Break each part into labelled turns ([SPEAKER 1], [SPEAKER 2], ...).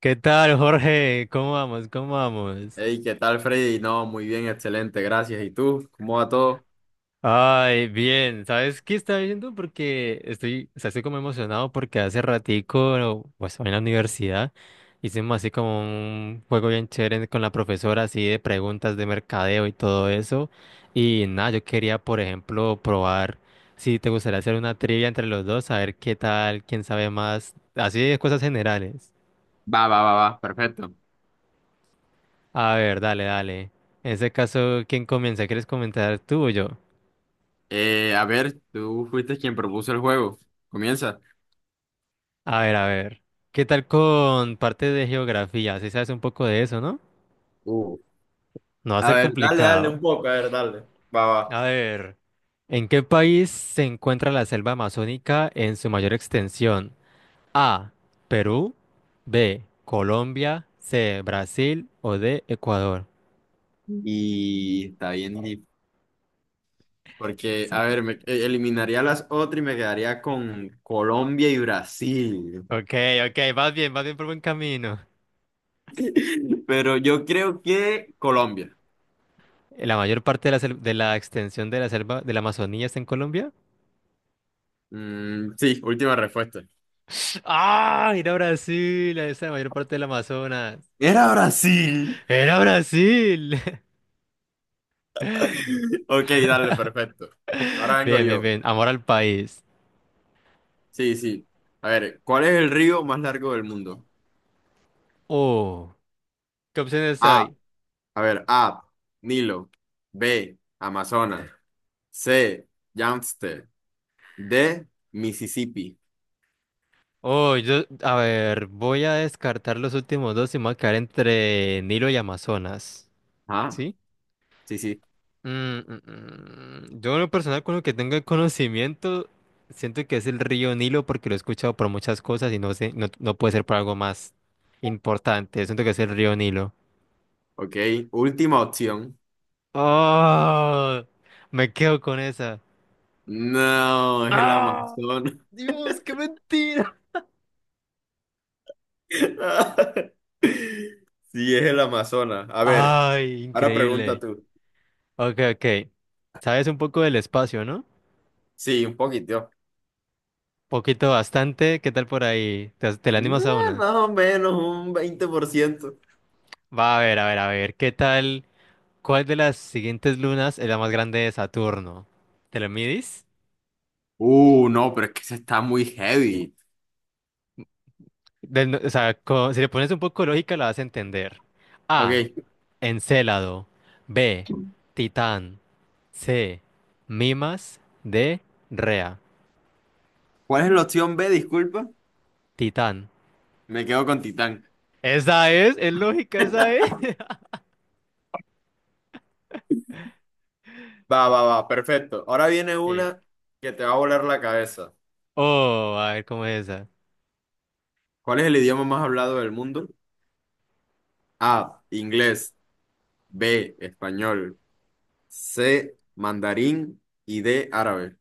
[SPEAKER 1] ¿Qué tal, Jorge? ¿Cómo vamos? ¿Cómo vamos?
[SPEAKER 2] Hey, ¿qué tal, Freddy? No, muy bien, excelente, gracias. ¿Y tú? ¿Cómo va todo?
[SPEAKER 1] Ay, bien. ¿Sabes qué estaba viendo? Porque estoy, o sea, estoy como emocionado porque hace ratico, pues, en la universidad, hicimos así como un juego bien chévere con la profesora, así de preguntas de mercadeo y todo eso. Y nada, yo quería, por ejemplo, probar si te gustaría hacer una trivia entre los dos, a ver qué tal, quién sabe más, así de cosas generales.
[SPEAKER 2] Va, va, va, va, perfecto.
[SPEAKER 1] A ver, dale, dale. En ese caso, ¿quién comienza? ¿Quieres comentar tú o yo?
[SPEAKER 2] A ver, tú fuiste quien propuso el juego. Comienza.
[SPEAKER 1] A ver, a ver. ¿Qué tal con parte de geografía? Si sabes un poco de eso, ¿no?
[SPEAKER 2] Uh,
[SPEAKER 1] No va a
[SPEAKER 2] A
[SPEAKER 1] ser
[SPEAKER 2] ver, dale, dale un
[SPEAKER 1] complicado.
[SPEAKER 2] poco, a ver, dale. Va, va.
[SPEAKER 1] A ver. ¿En qué país se encuentra la selva amazónica en su mayor extensión? A. Perú. B. Colombia. C. Brasil. O D. Ecuador.
[SPEAKER 2] Y está bien, dif- porque,
[SPEAKER 1] Se
[SPEAKER 2] a
[SPEAKER 1] pu-
[SPEAKER 2] ver, me eliminaría las otras y me quedaría con Colombia y Brasil.
[SPEAKER 1] Ok, ok, vas bien por buen camino.
[SPEAKER 2] Pero yo creo que Colombia.
[SPEAKER 1] ¿La mayor parte de de la extensión de la selva de la Amazonía está en Colombia?
[SPEAKER 2] Mm, sí, última respuesta.
[SPEAKER 1] ¡Ah! Mira Brasil, ahí está la mayor parte del Amazonas.
[SPEAKER 2] Era Brasil.
[SPEAKER 1] Era Brasil.
[SPEAKER 2] Ok, dale, perfecto. Ahora vengo
[SPEAKER 1] Bien, bien,
[SPEAKER 2] yo.
[SPEAKER 1] bien. Amor al país.
[SPEAKER 2] Sí, sí. A ver, ¿cuál es el río más largo del mundo?
[SPEAKER 1] Oh, ¿qué opciones
[SPEAKER 2] A,
[SPEAKER 1] hay?
[SPEAKER 2] a ver, A, Nilo; B, Amazonas; C, Yangtze; D, Mississippi.
[SPEAKER 1] Oh, yo, a ver, voy a descartar los últimos dos y me voy a quedar entre Nilo y Amazonas.
[SPEAKER 2] Ah,
[SPEAKER 1] ¿Sí?
[SPEAKER 2] sí, sí.
[SPEAKER 1] Mm, mm, mm. Yo en lo personal con lo que tengo el conocimiento, siento que es el río Nilo porque lo he escuchado por muchas cosas y no sé, no, no puede ser por algo más importante. Siento que es el río Nilo.
[SPEAKER 2] Ok, última opción.
[SPEAKER 1] Oh, me quedo con esa.
[SPEAKER 2] No, es el
[SPEAKER 1] ¡Ah!
[SPEAKER 2] Amazonas.
[SPEAKER 1] Dios, qué mentira.
[SPEAKER 2] Sí, es el Amazonas. A ver,
[SPEAKER 1] Ay,
[SPEAKER 2] ahora pregunta
[SPEAKER 1] increíble.
[SPEAKER 2] tú.
[SPEAKER 1] Ok, ok. Sabes un poco del espacio, ¿no?
[SPEAKER 2] Sí, un poquito.
[SPEAKER 1] Poquito, bastante. ¿Qué tal por ahí? ¿Te la
[SPEAKER 2] Mm,
[SPEAKER 1] animas a una?
[SPEAKER 2] Más o menos un 20%.
[SPEAKER 1] Va a ver, a ver, a ver. ¿Qué tal? ¿Cuál de las siguientes lunas es la más grande de Saturno? ¿Te lo midis?
[SPEAKER 2] No, pero es que se está muy heavy.
[SPEAKER 1] Del no- o sea, co- Si le pones un poco de lógica, la vas a entender.
[SPEAKER 2] Ok,
[SPEAKER 1] A. Encélado. B. Titán. C. Mimas. D. Rea.
[SPEAKER 2] ¿cuál es la opción B? Disculpa.
[SPEAKER 1] Titán.
[SPEAKER 2] Me quedo con Titán.
[SPEAKER 1] Esa es lógica, esa es.
[SPEAKER 2] Va, va, va, perfecto. Ahora viene una que te va a volar la cabeza.
[SPEAKER 1] Oh, a ver cómo es esa.
[SPEAKER 2] ¿Cuál es el idioma más hablado del mundo? A, inglés; B, español; C, mandarín; y D, árabe.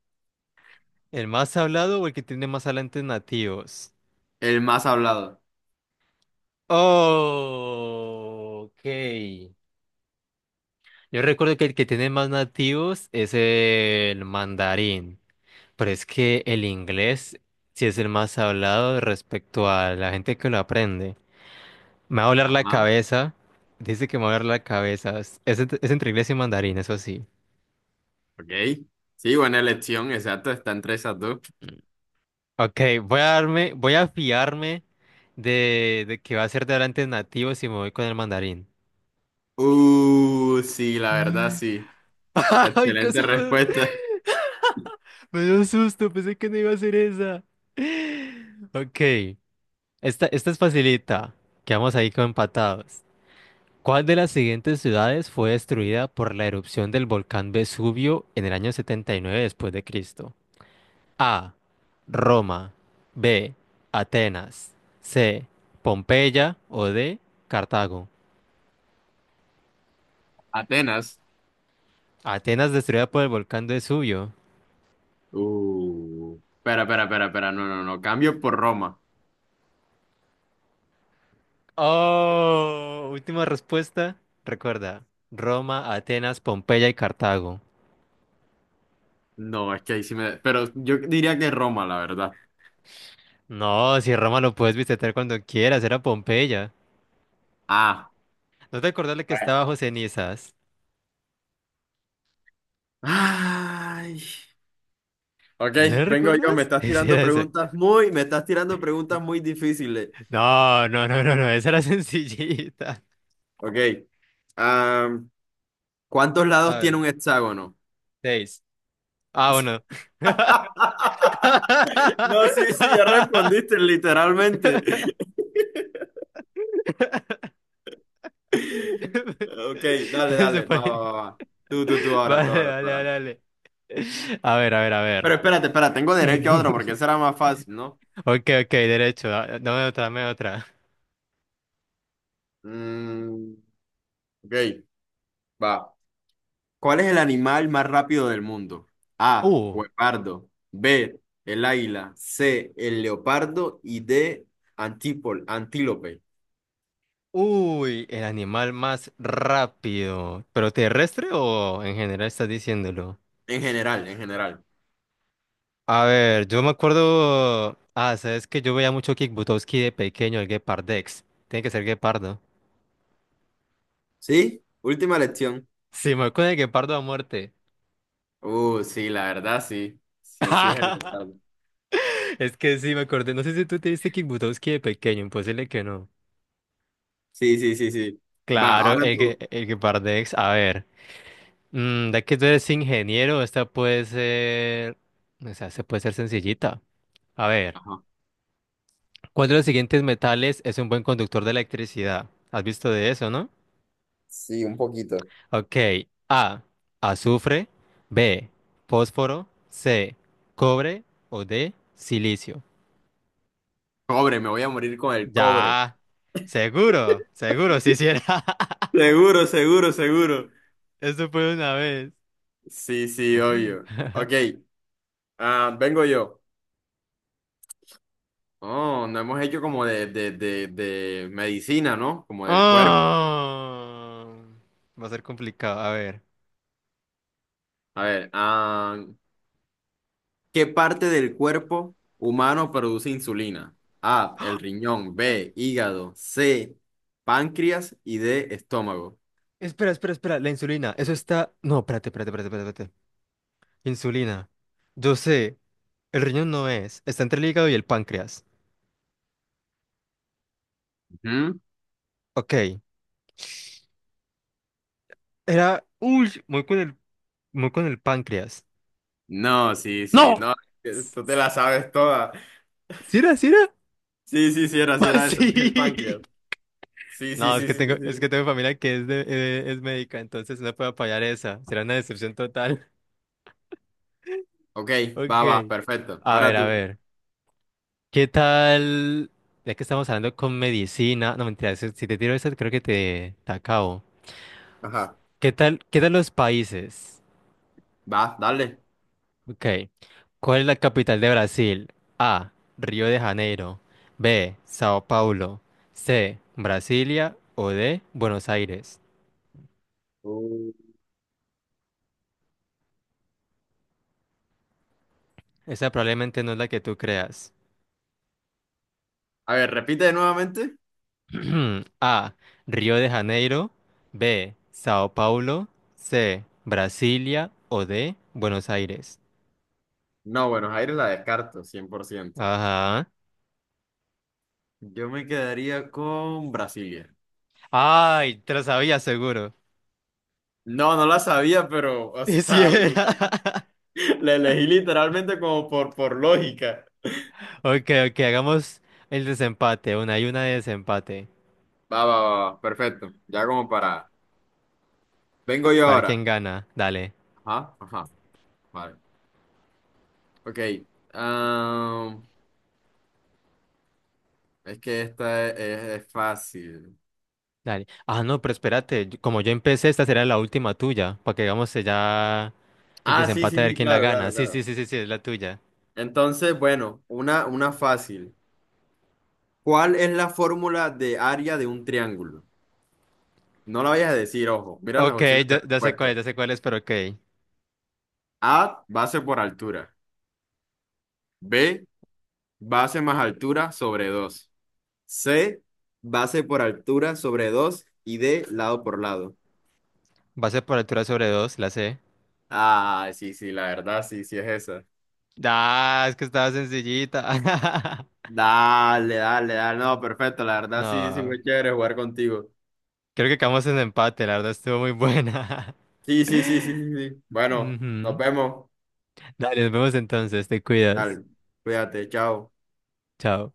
[SPEAKER 1] ¿El más hablado o el que tiene más hablantes nativos?
[SPEAKER 2] El más hablado.
[SPEAKER 1] Oh, ok. Yo recuerdo que el que tiene más nativos es el mandarín, pero es que el inglés sí es el más hablado respecto a la gente que lo aprende. Me va a doler la
[SPEAKER 2] Ajá,
[SPEAKER 1] cabeza. Dice que me va a doler la cabeza. Es, es entre inglés y mandarín, eso sí.
[SPEAKER 2] ok. Sí, buena elección, exacto, está entre esas dos.
[SPEAKER 1] Ok, voy a fiarme de que va a ser de hablantes nativos y me voy con el mandarín.
[SPEAKER 2] Sí, la verdad,
[SPEAKER 1] Mm.
[SPEAKER 2] sí.
[SPEAKER 1] Ay,
[SPEAKER 2] Excelente
[SPEAKER 1] casi me,
[SPEAKER 2] respuesta.
[SPEAKER 1] me dio susto, pensé que no iba a ser esa. Ok, esta es facilita. Quedamos ahí como empatados. ¿Cuál de las siguientes ciudades fue destruida por la erupción del volcán Vesubio en el año 79 después de Cristo? A. Roma. B. Atenas. C. Pompeya o D. Cartago.
[SPEAKER 2] Atenas.
[SPEAKER 1] Atenas destruida por el volcán Vesubio.
[SPEAKER 2] Espera, espera, espera, espera, no, no, no, cambio por Roma.
[SPEAKER 1] Oh, última respuesta. Recuerda, Roma, Atenas, Pompeya y Cartago.
[SPEAKER 2] No, es que ahí sí me... Pero yo diría que Roma, la verdad.
[SPEAKER 1] No, si Roma lo puedes visitar cuando quieras, era Pompeya.
[SPEAKER 2] Ah.
[SPEAKER 1] ¿No te acordás de que
[SPEAKER 2] Bueno,
[SPEAKER 1] estaba bajo cenizas?
[SPEAKER 2] ay. Ok,
[SPEAKER 1] ¿No
[SPEAKER 2] vengo yo. Me
[SPEAKER 1] recuerdas?
[SPEAKER 2] estás
[SPEAKER 1] Ese
[SPEAKER 2] tirando
[SPEAKER 1] era ese.
[SPEAKER 2] preguntas muy... Me estás tirando preguntas muy difíciles.
[SPEAKER 1] No, no, no, no, no, esa era sencillita.
[SPEAKER 2] Ok. Am, ¿Cuántos
[SPEAKER 1] A
[SPEAKER 2] lados tiene
[SPEAKER 1] ver,
[SPEAKER 2] un hexágono?
[SPEAKER 1] seis. Ah, bueno.
[SPEAKER 2] No, sí, sí, ya respondiste literalmente. Ok, dale,
[SPEAKER 1] Se
[SPEAKER 2] dale, va, va,
[SPEAKER 1] pare-
[SPEAKER 2] va, va. Tú, ahora,
[SPEAKER 1] Vale,
[SPEAKER 2] tú, ahora,
[SPEAKER 1] vale,
[SPEAKER 2] tú,
[SPEAKER 1] vale,
[SPEAKER 2] ahora.
[SPEAKER 1] vale. A ver, a ver, a ver.
[SPEAKER 2] Pero espérate, espera, tengo derecho a otro porque será más fácil, ¿no?
[SPEAKER 1] Ok, ok, derecho. Dame otra, dame otra.
[SPEAKER 2] Mm, ok. Va. ¿Cuál es el animal más rápido del mundo? A,
[SPEAKER 1] Uh,
[SPEAKER 2] guepardo; B, el águila; C, el leopardo; y D, antílope.
[SPEAKER 1] uy, el animal más rápido. ¿Pero terrestre o en general estás diciéndolo?
[SPEAKER 2] En general, en general.
[SPEAKER 1] A ver, yo me acuerdo. Ah, sabes que yo veía mucho Kick Buttowski de pequeño, el Gepardex. Tiene que ser guepardo.
[SPEAKER 2] ¿Sí? Última lección.
[SPEAKER 1] Sí, me acuerdo de guepardo a muerte.
[SPEAKER 2] Sí, la verdad, sí. Sí, sí es el leopardo.
[SPEAKER 1] Es que sí, me acordé. No sé si tú te viste Kick Buttowski de pequeño, imposible que no.
[SPEAKER 2] Sí, sí, sí, sí. Va,
[SPEAKER 1] Claro,
[SPEAKER 2] ahora tú.
[SPEAKER 1] el que Pardex, a ver. Mm, de que tú eres ingeniero, esta puede ser. O sea, se puede ser sencillita. A ver,
[SPEAKER 2] Ajá.
[SPEAKER 1] ¿cuál de los siguientes metales es un buen conductor de electricidad? ¿Has visto de eso, no?
[SPEAKER 2] Sí, un poquito.
[SPEAKER 1] Ok. A. Azufre. B. Fósforo. C. Cobre. O D. Silicio.
[SPEAKER 2] Cobre, me voy a morir con el cobre.
[SPEAKER 1] Ya. Seguro, seguro, si hiciera.
[SPEAKER 2] Seguro, seguro, seguro.
[SPEAKER 1] Eso fue una vez.
[SPEAKER 2] Sí, sí, obvio. Ok, ah, vengo yo. Oh, no hemos hecho como de medicina, ¿no? Como del cuerpo.
[SPEAKER 1] Ah, va a ser complicado. A ver.
[SPEAKER 2] A ver, ah, ¿qué parte del cuerpo humano produce insulina? A, el riñón;
[SPEAKER 1] Ay.
[SPEAKER 2] B, hígado; C, páncreas; y D, estómago.
[SPEAKER 1] Espera, espera, espera. La insulina. Eso está. No, espérate, espérate, espérate, espérate, espérate. Insulina. Yo sé. El riñón no es. Está entre el hígado y el páncreas.
[SPEAKER 2] Ujú.
[SPEAKER 1] Ok. Era. Uy, muy con el. Muy con el páncreas.
[SPEAKER 2] No, sí, sí,
[SPEAKER 1] ¡No!
[SPEAKER 2] no, tú te la sabes toda.
[SPEAKER 1] ¿Sí era? ¿Sí era?
[SPEAKER 2] Sí, sí, sí, era eso, es el
[SPEAKER 1] Sí.
[SPEAKER 2] páncreas. Sí, sí,
[SPEAKER 1] No,
[SPEAKER 2] sí, sí,
[SPEAKER 1] es
[SPEAKER 2] sí,
[SPEAKER 1] que tengo familia que es de, es médica, entonces no puedo apoyar esa. Será una decepción total.
[SPEAKER 2] Ok, va, va,
[SPEAKER 1] Ok.
[SPEAKER 2] perfecto.
[SPEAKER 1] A
[SPEAKER 2] Ahora
[SPEAKER 1] ver, a
[SPEAKER 2] tú.
[SPEAKER 1] ver. ¿Qué tal? Ya que estamos hablando con medicina, no mentira, si te tiro eso creo que te acabo.
[SPEAKER 2] Ajá,
[SPEAKER 1] ¿Qué tal? ¿Qué tal los países?
[SPEAKER 2] va, dale.
[SPEAKER 1] Ok. ¿Cuál es la capital de Brasil? A. Río de Janeiro. B. Sao Paulo. C. Brasilia. O D. Buenos Aires.
[SPEAKER 2] Uh,
[SPEAKER 1] Esa probablemente no es la que tú creas.
[SPEAKER 2] A ver, repite nuevamente.
[SPEAKER 1] A. Río de Janeiro. B. Sao Paulo. C. Brasilia. O D. Buenos Aires.
[SPEAKER 2] No, Buenos Aires la descarto, 100%.
[SPEAKER 1] Ajá.
[SPEAKER 2] Yo me quedaría con Brasilia.
[SPEAKER 1] Ay, te lo sabía seguro.
[SPEAKER 2] No, no la sabía, pero, o
[SPEAKER 1] Y sí
[SPEAKER 2] sea,
[SPEAKER 1] era.
[SPEAKER 2] la, la elegí literalmente como por lógica.
[SPEAKER 1] Ok, ok, hagamos el desempate. Una y una de desempate.
[SPEAKER 2] Va, va, va, va, perfecto. Ya como para... Vengo yo
[SPEAKER 1] Para ver quién
[SPEAKER 2] ahora.
[SPEAKER 1] gana. Dale,
[SPEAKER 2] Ajá, ajá. Vale. Ok. am, es que es fácil.
[SPEAKER 1] dale. Ah, no, pero espérate. Como yo empecé, esta será la última tuya. Para que hagamos ya el
[SPEAKER 2] Ah, sí,
[SPEAKER 1] desempate
[SPEAKER 2] sí,
[SPEAKER 1] a ver
[SPEAKER 2] sí,
[SPEAKER 1] quién la
[SPEAKER 2] claro,
[SPEAKER 1] gana.
[SPEAKER 2] claro,
[SPEAKER 1] Sí, sí,
[SPEAKER 2] claro.
[SPEAKER 1] sí, sí, sí, es la tuya.
[SPEAKER 2] Entonces, bueno, una fácil. ¿Cuál es la fórmula de área de un triángulo? No la vayas a decir, ojo. Mira las
[SPEAKER 1] Ok,
[SPEAKER 2] opciones de
[SPEAKER 1] ya, ya sé cuál
[SPEAKER 2] respuesta.
[SPEAKER 1] es, ya sé cuál es, pero ok.
[SPEAKER 2] A, base por altura; B, base más altura sobre dos; C, base por altura sobre dos; y D, lado por lado.
[SPEAKER 1] Base por altura sobre dos, la sé.
[SPEAKER 2] Ah, sí, sí, la verdad, sí, sí es esa.
[SPEAKER 1] Ah, es que estaba sencillita.
[SPEAKER 2] Dale, dale, dale. No, perfecto. La verdad, sí, sí,
[SPEAKER 1] No,
[SPEAKER 2] muy chévere jugar contigo.
[SPEAKER 1] creo que quedamos en empate. La verdad estuvo muy buena.
[SPEAKER 2] Sí, sí, sí, sí, sí, sí. Bueno, nos
[SPEAKER 1] Ujú.
[SPEAKER 2] vemos.
[SPEAKER 1] Dale, nos vemos entonces, te cuidas.
[SPEAKER 2] Dale, cuídate, chao.
[SPEAKER 1] Chao.